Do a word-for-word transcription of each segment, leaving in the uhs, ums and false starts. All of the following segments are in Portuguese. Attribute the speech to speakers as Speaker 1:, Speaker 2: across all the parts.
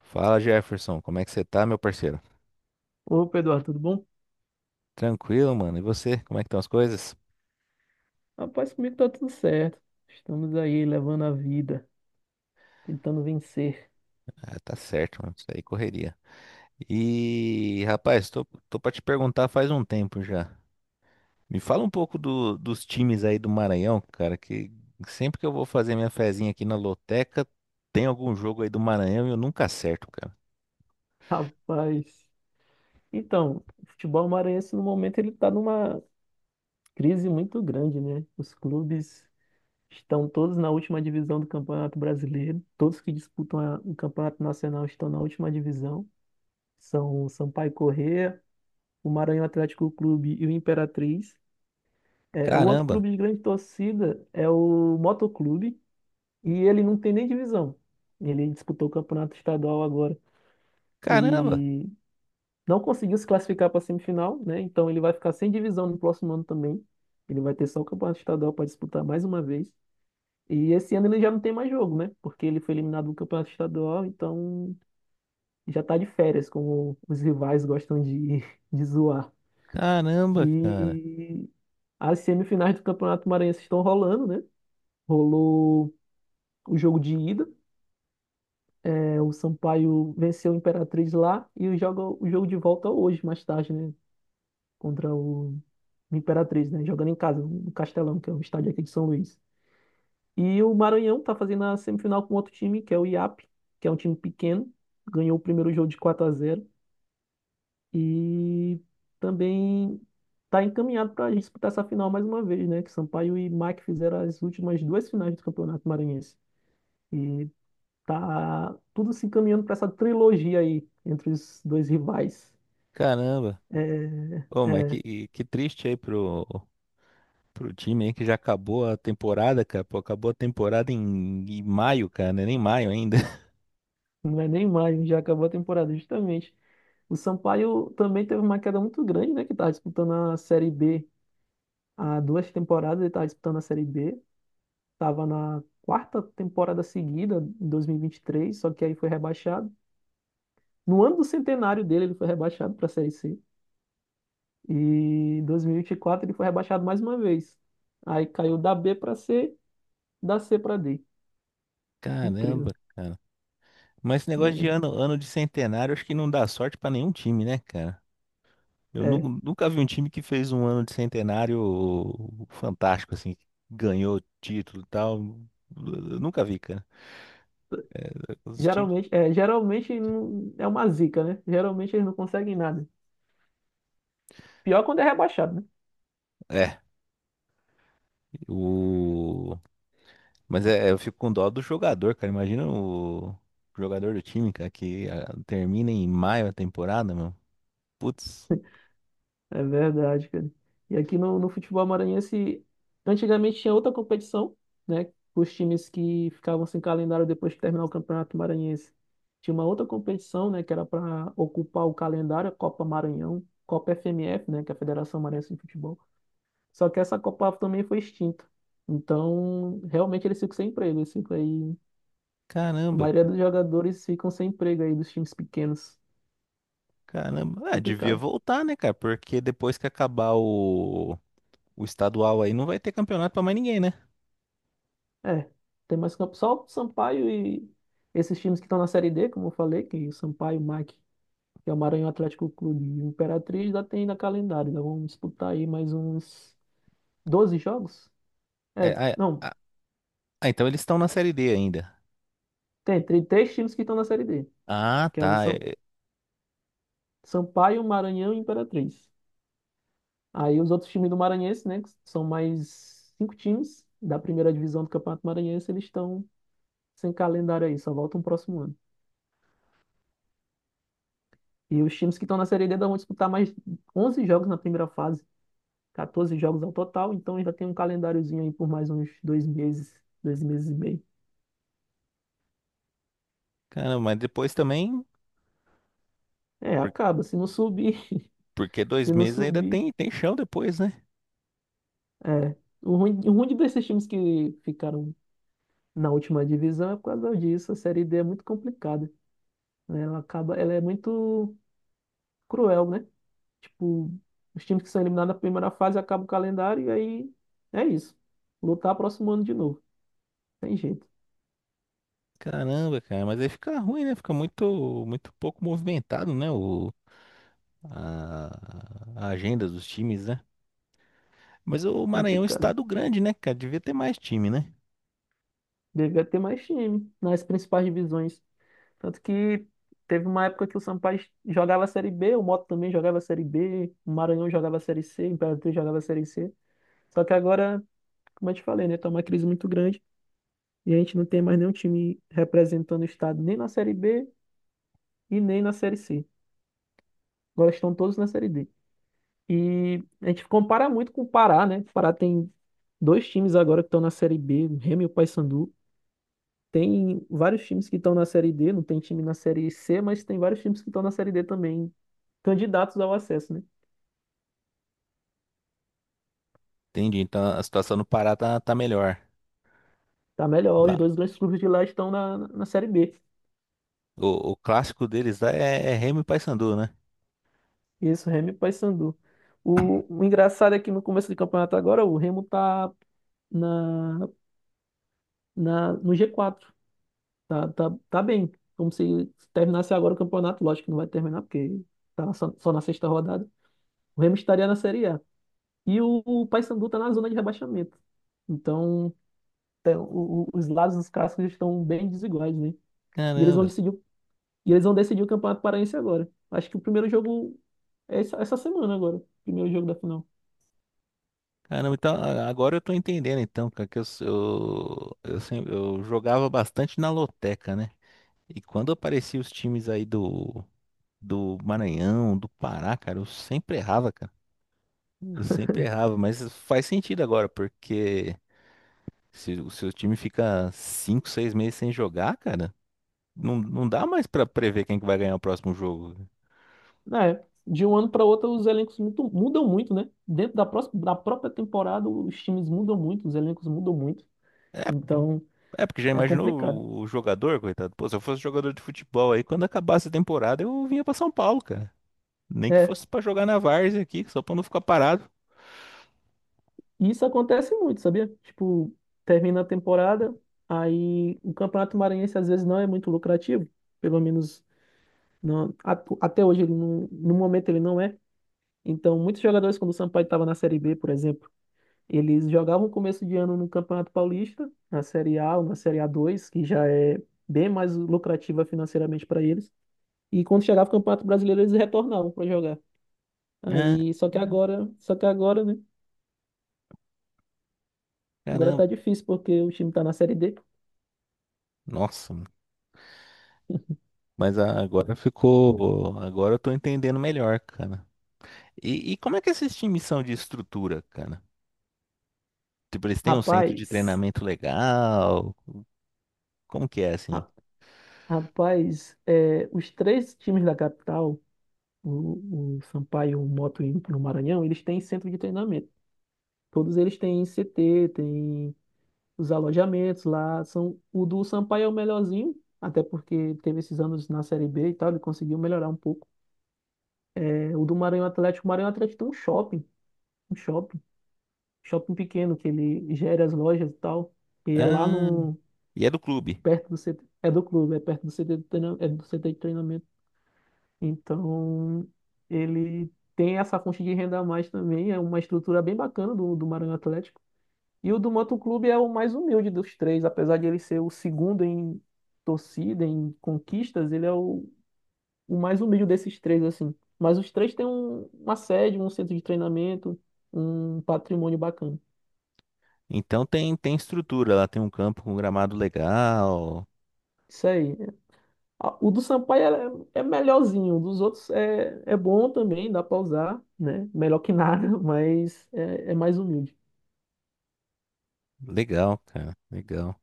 Speaker 1: Fala Jefferson, como é que você tá, meu parceiro?
Speaker 2: Opa, Eduardo, tudo bom?
Speaker 1: Tranquilo, mano. E você, como é que estão as coisas?
Speaker 2: Rapaz, comigo tá tudo certo. Estamos aí levando a vida, tentando vencer.
Speaker 1: Ah, tá certo, mano. Isso aí correria. E, rapaz, tô, tô pra te perguntar faz um tempo já. Me fala um pouco do- dos times aí do Maranhão, cara, que sempre que eu vou fazer minha fezinha aqui na loteca, tem algum jogo aí do Maranhão e eu nunca acerto, cara.
Speaker 2: Rapaz. Então, o futebol maranhense no momento ele tá numa crise muito grande, né? Os clubes estão todos na última divisão do Campeonato Brasileiro. Todos que disputam a- o Campeonato Nacional estão na última divisão. São o Sampaio Corrêa, o Maranhão Atlético Clube e o Imperatriz. É, o outro
Speaker 1: Caramba,
Speaker 2: clube de grande torcida é o Motoclube. E ele não tem nem divisão. Ele disputou o campeonato estadual agora
Speaker 1: caramba,
Speaker 2: e não conseguiu se classificar para a semifinal, né? Então ele vai ficar sem divisão no próximo ano também. Ele vai ter só o campeonato estadual para disputar mais uma vez. E esse ano ele já não tem mais jogo, né? Porque ele foi eliminado do campeonato estadual, então já tá de férias, como os rivais gostam de, de zoar.
Speaker 1: caramba, cara,
Speaker 2: E as semifinais do Campeonato Maranhense estão rolando, né? Rolou o jogo de ida. É, o Sampaio venceu o Imperatriz lá e joga o jogo de volta hoje, mais tarde, né? Contra o Imperatriz, né? Jogando em casa, no Castelão, que é um estádio aqui de São Luís. E o Maranhão tá fazendo a semifinal com outro time, que é o I A P, que é um time pequeno. Ganhou o primeiro jogo de quatro a zero e também tá encaminhado para disputar essa final mais uma vez, né? Que Sampaio e Mike fizeram as últimas duas finais do Campeonato Maranhense. E tá tudo se encaminhando para essa trilogia aí entre os dois rivais.
Speaker 1: caramba. Ô, mas
Speaker 2: É.
Speaker 1: que, que triste aí pro, Pro time aí que já acabou a temporada, cara. Pô, acabou a temporada em, em maio, cara, né? Nem maio ainda.
Speaker 2: Não é nem mais, já acabou a temporada, justamente. O Sampaio também teve uma queda muito grande, né? Que estava disputando a Série B há duas temporadas, ele estava disputando a Série B. Estava na quarta temporada seguida, em dois mil e vinte e três, só que aí foi rebaixado. No ano do centenário dele, ele foi rebaixado para a Série C. E em dois mil e vinte e quatro ele foi rebaixado mais uma vez. Aí caiu da B para C, da C para D.
Speaker 1: Caramba,
Speaker 2: Incrível,
Speaker 1: cara. Mas esse negócio de
Speaker 2: né?
Speaker 1: ano, ano de centenário, acho que não dá sorte pra nenhum time, né, cara? Eu
Speaker 2: É.
Speaker 1: nu- nunca vi um time que fez um ano de centenário fantástico, assim, que ganhou título e tal. Eu nunca vi, cara. Os times.
Speaker 2: Geralmente, é, geralmente não- é uma zica, né? Geralmente eles não conseguem nada. Pior quando é rebaixado, né?
Speaker 1: É, o. Mas é, é, eu fico com dó do jogador, cara. Imagina o jogador do time, cara, que ah, termina em maio a temporada, mano. Putz,
Speaker 2: É verdade, cara. E aqui no, no futebol maranhense, antigamente tinha outra competição, né? Os times que ficavam sem calendário depois que terminar o Campeonato Maranhense. Tinha uma outra competição, né? Que era para ocupar o calendário, a Copa Maranhão, Copa F M F, né? Que é a Federação Maranhense de Futebol. Só que essa Copa também foi extinta. Então, realmente eles ficam sem emprego. Eles ficam aí, a
Speaker 1: caramba,
Speaker 2: maioria dos jogadores ficam sem emprego aí dos times pequenos.
Speaker 1: caramba. Ah, devia
Speaker 2: Complicado.
Speaker 1: voltar, né, cara? Porque depois que acabar o, o estadual aí, não vai ter campeonato pra mais ninguém, né?
Speaker 2: É, tem mais campo. Só o Sampaio e esses times que estão na Série D, como eu falei, que o Sampaio, o mac, que é o Maranhão Atlético Clube e o Imperatriz, já tem na calendário. Ainda vamos disputar aí mais uns doze jogos?
Speaker 1: É,
Speaker 2: É,
Speaker 1: ah, é,
Speaker 2: não,
Speaker 1: ah, ah, então eles estão na Série D ainda.
Speaker 2: tem, tem três times que estão na Série D,
Speaker 1: Ah,
Speaker 2: que é o
Speaker 1: tá.
Speaker 2: Sam-
Speaker 1: É- é,
Speaker 2: Sampaio, Maranhão e Imperatriz. Aí os outros times do Maranhense, né, que são mais cinco times da primeira divisão do Campeonato Maranhense, eles estão sem calendário aí, só voltam o próximo ano. E os times que estão na Série D ainda vão disputar mais onze jogos na primeira fase. quatorze jogos ao total, então ainda tem um calendáriozinho aí por mais uns dois meses, dois meses e meio.
Speaker 1: caramba, mas depois também,
Speaker 2: É,
Speaker 1: por-
Speaker 2: acaba. Se não subir,
Speaker 1: porque dois
Speaker 2: se não
Speaker 1: meses ainda
Speaker 2: subir.
Speaker 1: tem, tem chão depois, né?
Speaker 2: É. O ruim, o ruim de desses times que ficaram na última divisão é por causa disso. A Série D é muito complicada, né? Ela acaba, ela é muito cruel, né? Tipo, os times que são eliminados na primeira fase acabam o calendário e aí é isso. Lutar próximo ano de novo. Tem jeito.
Speaker 1: Caramba, cara, mas aí fica ruim, né? Fica muito, muito pouco movimentado, né? O, a, a agenda dos times, né? Mas o Maranhão é um
Speaker 2: Complicado.
Speaker 1: estado grande, né, cara? Devia ter mais time, né?
Speaker 2: Devia ter mais time nas principais divisões. Tanto que teve uma época que o Sampaio jogava a Série B, o Moto também jogava a Série B, o Maranhão jogava a Série C, o Imperatriz jogava a Série C. Só que agora, como eu te falei, né, tá uma crise muito grande e a gente não tem mais nenhum time representando o estado nem na Série B e nem na Série C. Agora estão todos na Série D. E a gente compara muito com o Pará, né? O Pará tem dois times agora que estão na Série B, o Remo e o Paysandu. Tem vários times que estão na Série D, não tem time na Série C, mas tem vários times que estão na Série D também. Candidatos ao acesso, né?
Speaker 1: Entendi. Então a situação no Pará tá, tá melhor
Speaker 2: Tá melhor,
Speaker 1: lá.
Speaker 2: os dois grandes clubes de lá estão na, na Série B.
Speaker 1: O, o clássico deles lá é, é Remo e Paysandu, né?
Speaker 2: Isso, Remo e Paysandu. O, o engraçado é que no começo do campeonato agora, o Remo tá na, na, no G quatro. Tá, tá, tá bem. Como se terminasse agora o campeonato, lógico que não vai terminar, porque tá na- só, só na sexta rodada. O Remo estaria na Série A. E o, o Paysandu tá na zona de rebaixamento. Então, tem- o- o- os lados dos cascos estão bem desiguais, né? E eles vão
Speaker 1: Caramba.
Speaker 2: decidir E eles vão decidir o Campeonato Paraense agora. Acho que o primeiro jogo é essa, essa semana agora. Primeiro jogo da final.
Speaker 1: Caramba, então a- agora eu tô entendendo então, cara, que eu, s- eu, eu, sempre, eu jogava bastante na loteca, né? E quando apareciam os times aí do, do Maranhão, do Pará, cara, eu sempre errava, cara. Eu sempre errava, mas faz sentido agora, porque se o seu time fica cinco seis meses sem jogar, cara, não, não dá mais pra prever quem que vai ganhar o próximo jogo.
Speaker 2: É, de um ano para outro os elencos muito- mudam muito, né? Dentro da, próxima, da própria temporada os times mudam muito, os elencos mudam muito. Então
Speaker 1: É, porque já
Speaker 2: é complicado.
Speaker 1: imaginou o jogador, coitado? Pô, se eu fosse jogador de futebol aí, quando acabasse a temporada, eu vinha pra São Paulo, cara. Nem que
Speaker 2: É,
Speaker 1: fosse pra jogar na várzea aqui, só pra não ficar parado.
Speaker 2: e isso acontece muito, sabia? Tipo, termina a temporada, aí o Campeonato Maranhense às vezes não é muito lucrativo, pelo menos não, atu- até hoje ele não, no momento ele não é. Então muitos jogadores quando o Sampaio estava na Série B, por exemplo, eles jogavam começo de ano no Campeonato Paulista, na Série A ou na Série a dois, que já é bem mais lucrativa financeiramente para eles. E quando chegava o Campeonato Brasileiro, eles retornavam para jogar.
Speaker 1: Ah,
Speaker 2: Aí, só que agora, só que agora, né? Agora
Speaker 1: caramba.
Speaker 2: tá difícil porque o time tá na Série D.
Speaker 1: Nossa, mano. Mas a- agora ficou. Agora eu tô entendendo melhor, cara. E, e como é que esses times são de estrutura, cara? Tipo, eles têm um centro de
Speaker 2: Rapaz,
Speaker 1: treinamento legal? Como que é assim?
Speaker 2: ra- rapaz, é, os três times da capital, o, o Sampaio, o Moto e o Maranhão, eles têm centro de treinamento. Todos eles têm C T, têm os alojamentos lá são o do Sampaio é o melhorzinho, até porque teve esses anos na Série B e tal, ele conseguiu melhorar um pouco. É, o do Maranhão Atlético, o Maranhão Atlético tem um shopping, um shopping, shopping pequeno que ele gera as lojas e tal, e é lá
Speaker 1: Ah,
Speaker 2: no
Speaker 1: e é do clube.
Speaker 2: perto do C T, é do clube, é perto do C T de treinamento, é do C T de treinamento. Então, ele tem essa fonte de renda a mais também, é uma estrutura bem bacana do, do Maranhão Atlético. E o do Moto Clube é o mais humilde dos três, apesar de ele ser o segundo em torcida, em conquistas, ele é o, o mais humilde desses três, assim. Mas os três têm um- uma sede, um centro de treinamento, um patrimônio bacana.
Speaker 1: Então tem, tem estrutura lá, tem um campo com gramado legal.
Speaker 2: Isso aí. A- O do Sampaio é, é melhorzinho, o dos outros é, é bom também, dá pra usar, né? Melhor que nada, mas é, é mais humilde.
Speaker 1: Legal, cara, legal.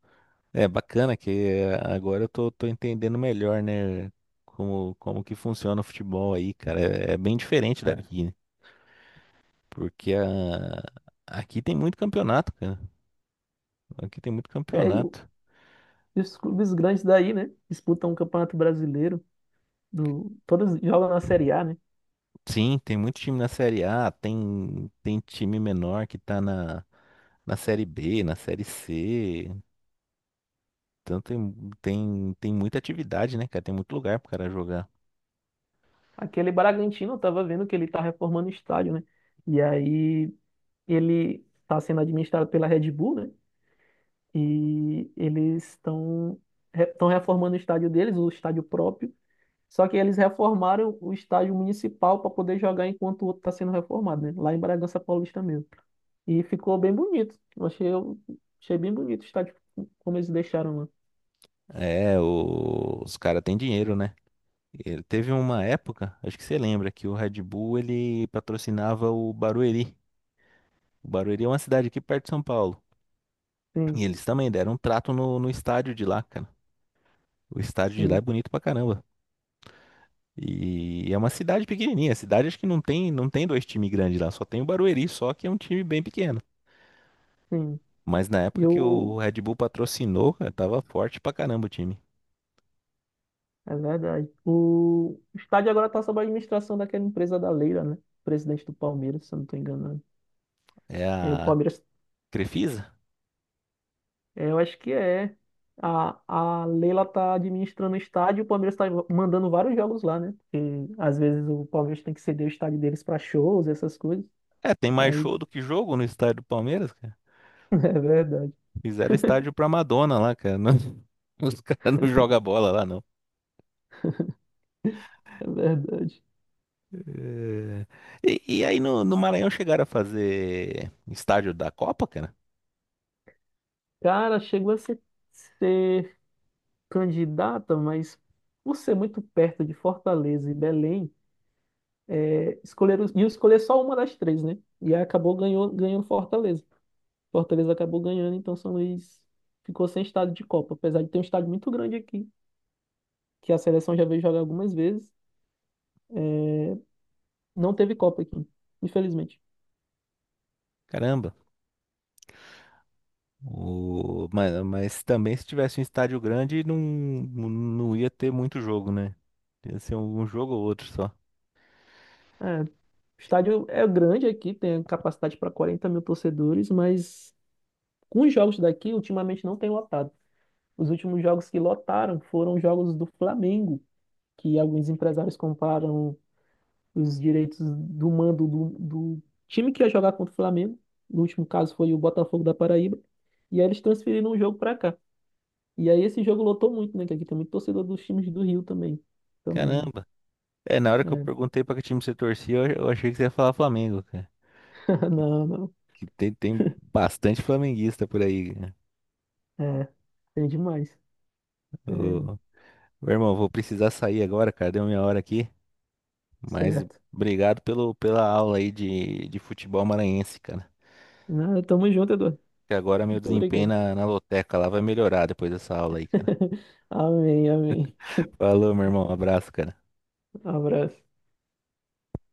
Speaker 1: É bacana que eh, agora eu tô, tô entendendo melhor, né? Como, como que funciona o futebol aí, cara. É, é bem diferente É. daqui, né? Porque a- aqui tem muito campeonato, cara. Aqui tem muito
Speaker 2: É, e o-
Speaker 1: campeonato.
Speaker 2: e os clubes grandes daí, né? Disputam o Campeonato Brasileiro, do, todos jogam na Série A, né?
Speaker 1: Sim, tem muito time na Série A, tem, tem time menor que tá na, na Série B, na Série C. Então tem, tem, tem muita atividade, né, cara? Tem muito lugar pro cara jogar.
Speaker 2: Aquele Bragantino, eu tava vendo que ele tá reformando o estádio, né? E aí ele tá sendo administrado pela Red Bull, né? E eles estão estão reformando o estádio deles, o estádio próprio. Só que eles reformaram o estádio municipal para poder jogar enquanto o outro está sendo reformado, né? Lá em Bragança Paulista mesmo. E ficou bem bonito. Eu achei, eu achei bem bonito o estádio como eles deixaram lá.
Speaker 1: É, o- os caras têm dinheiro, né? Ele teve uma época, acho que você lembra, que o Red Bull ele patrocinava o Barueri. O Barueri é uma cidade aqui perto de São Paulo.
Speaker 2: Sim,
Speaker 1: E eles também deram um trato no, no estádio de lá, cara. O estádio de lá é
Speaker 2: sim,
Speaker 1: bonito pra caramba. E é uma cidade pequenininha. A cidade acho que não tem, não tem dois times grandes lá, só tem o Barueri, só que é um time bem pequeno.
Speaker 2: sim.
Speaker 1: Mas na época que
Speaker 2: eu
Speaker 1: o Red Bull patrocinou, cara, tava forte pra caramba o time.
Speaker 2: É verdade. O estádio agora está sob a administração daquela empresa da Leila, né? Presidente do Palmeiras, se eu não estou enganado.
Speaker 1: É
Speaker 2: É, o
Speaker 1: a
Speaker 2: Palmeiras,
Speaker 1: Crefisa?
Speaker 2: é, eu acho que é. A, a Leila está administrando o estádio e o Palmeiras está mandando vários jogos lá, né? Porque às vezes o Palmeiras tem que ceder o estádio deles para shows, essas coisas.
Speaker 1: É, tem mais
Speaker 2: Aí,
Speaker 1: show do que jogo no estádio do Palmeiras, cara.
Speaker 2: é verdade,
Speaker 1: Fizeram estádio pra Madonna lá, cara. Não- os caras não jogam bola lá, não.
Speaker 2: é verdade.
Speaker 1: É. E, e aí no, no Maranhão chegaram a fazer estádio da Copa, cara?
Speaker 2: Cara, chegou a ser, ser candidata, mas por ser muito perto de Fortaleza e Belém. escolher, ia escolher só uma das três, né? E aí acabou ganhou, ganhando Fortaleza. Fortaleza acabou ganhando, então São Luís ficou sem estádio de Copa. Apesar de ter um estádio muito grande aqui, que a seleção já veio jogar algumas vezes, não teve Copa aqui, infelizmente.
Speaker 1: Caramba. O... Mano, mas também se tivesse um estádio grande, não, não ia ter muito jogo, né? Ia ser um jogo ou outro só.
Speaker 2: É, o estádio é grande aqui, tem capacidade para quarenta mil torcedores, mas com os jogos daqui, ultimamente não tem lotado. Os últimos jogos que lotaram foram os jogos do Flamengo, que alguns empresários compraram os direitos do mando do, do time que ia jogar contra o Flamengo. No último caso foi o Botafogo da Paraíba. E aí eles transferiram o jogo pra cá. E aí esse jogo lotou muito, né? Que aqui tem muito torcedor dos times do Rio também. Então,
Speaker 1: Caramba. É, na hora que eu
Speaker 2: é.
Speaker 1: perguntei pra que time você torcia, eu eu achei que você ia falar Flamengo, cara. Que,
Speaker 2: Não, não.
Speaker 1: que tem, tem bastante flamenguista por aí, cara.
Speaker 2: É, tem demais. É,
Speaker 1: Ô, meu irmão, vou precisar sair agora, cara. Deu minha hora aqui. Mas
Speaker 2: certo.
Speaker 1: obrigado pelo, pela aula aí de, de futebol maranhense, cara.
Speaker 2: Não, tamo junto, Eduardo.
Speaker 1: Que agora meu
Speaker 2: Muito
Speaker 1: desempenho
Speaker 2: obrigado.
Speaker 1: na, na loteca lá vai melhorar depois dessa aula aí, cara.
Speaker 2: Amém, amém.
Speaker 1: Falou, meu irmão. Abraço, cara.
Speaker 2: Abraço.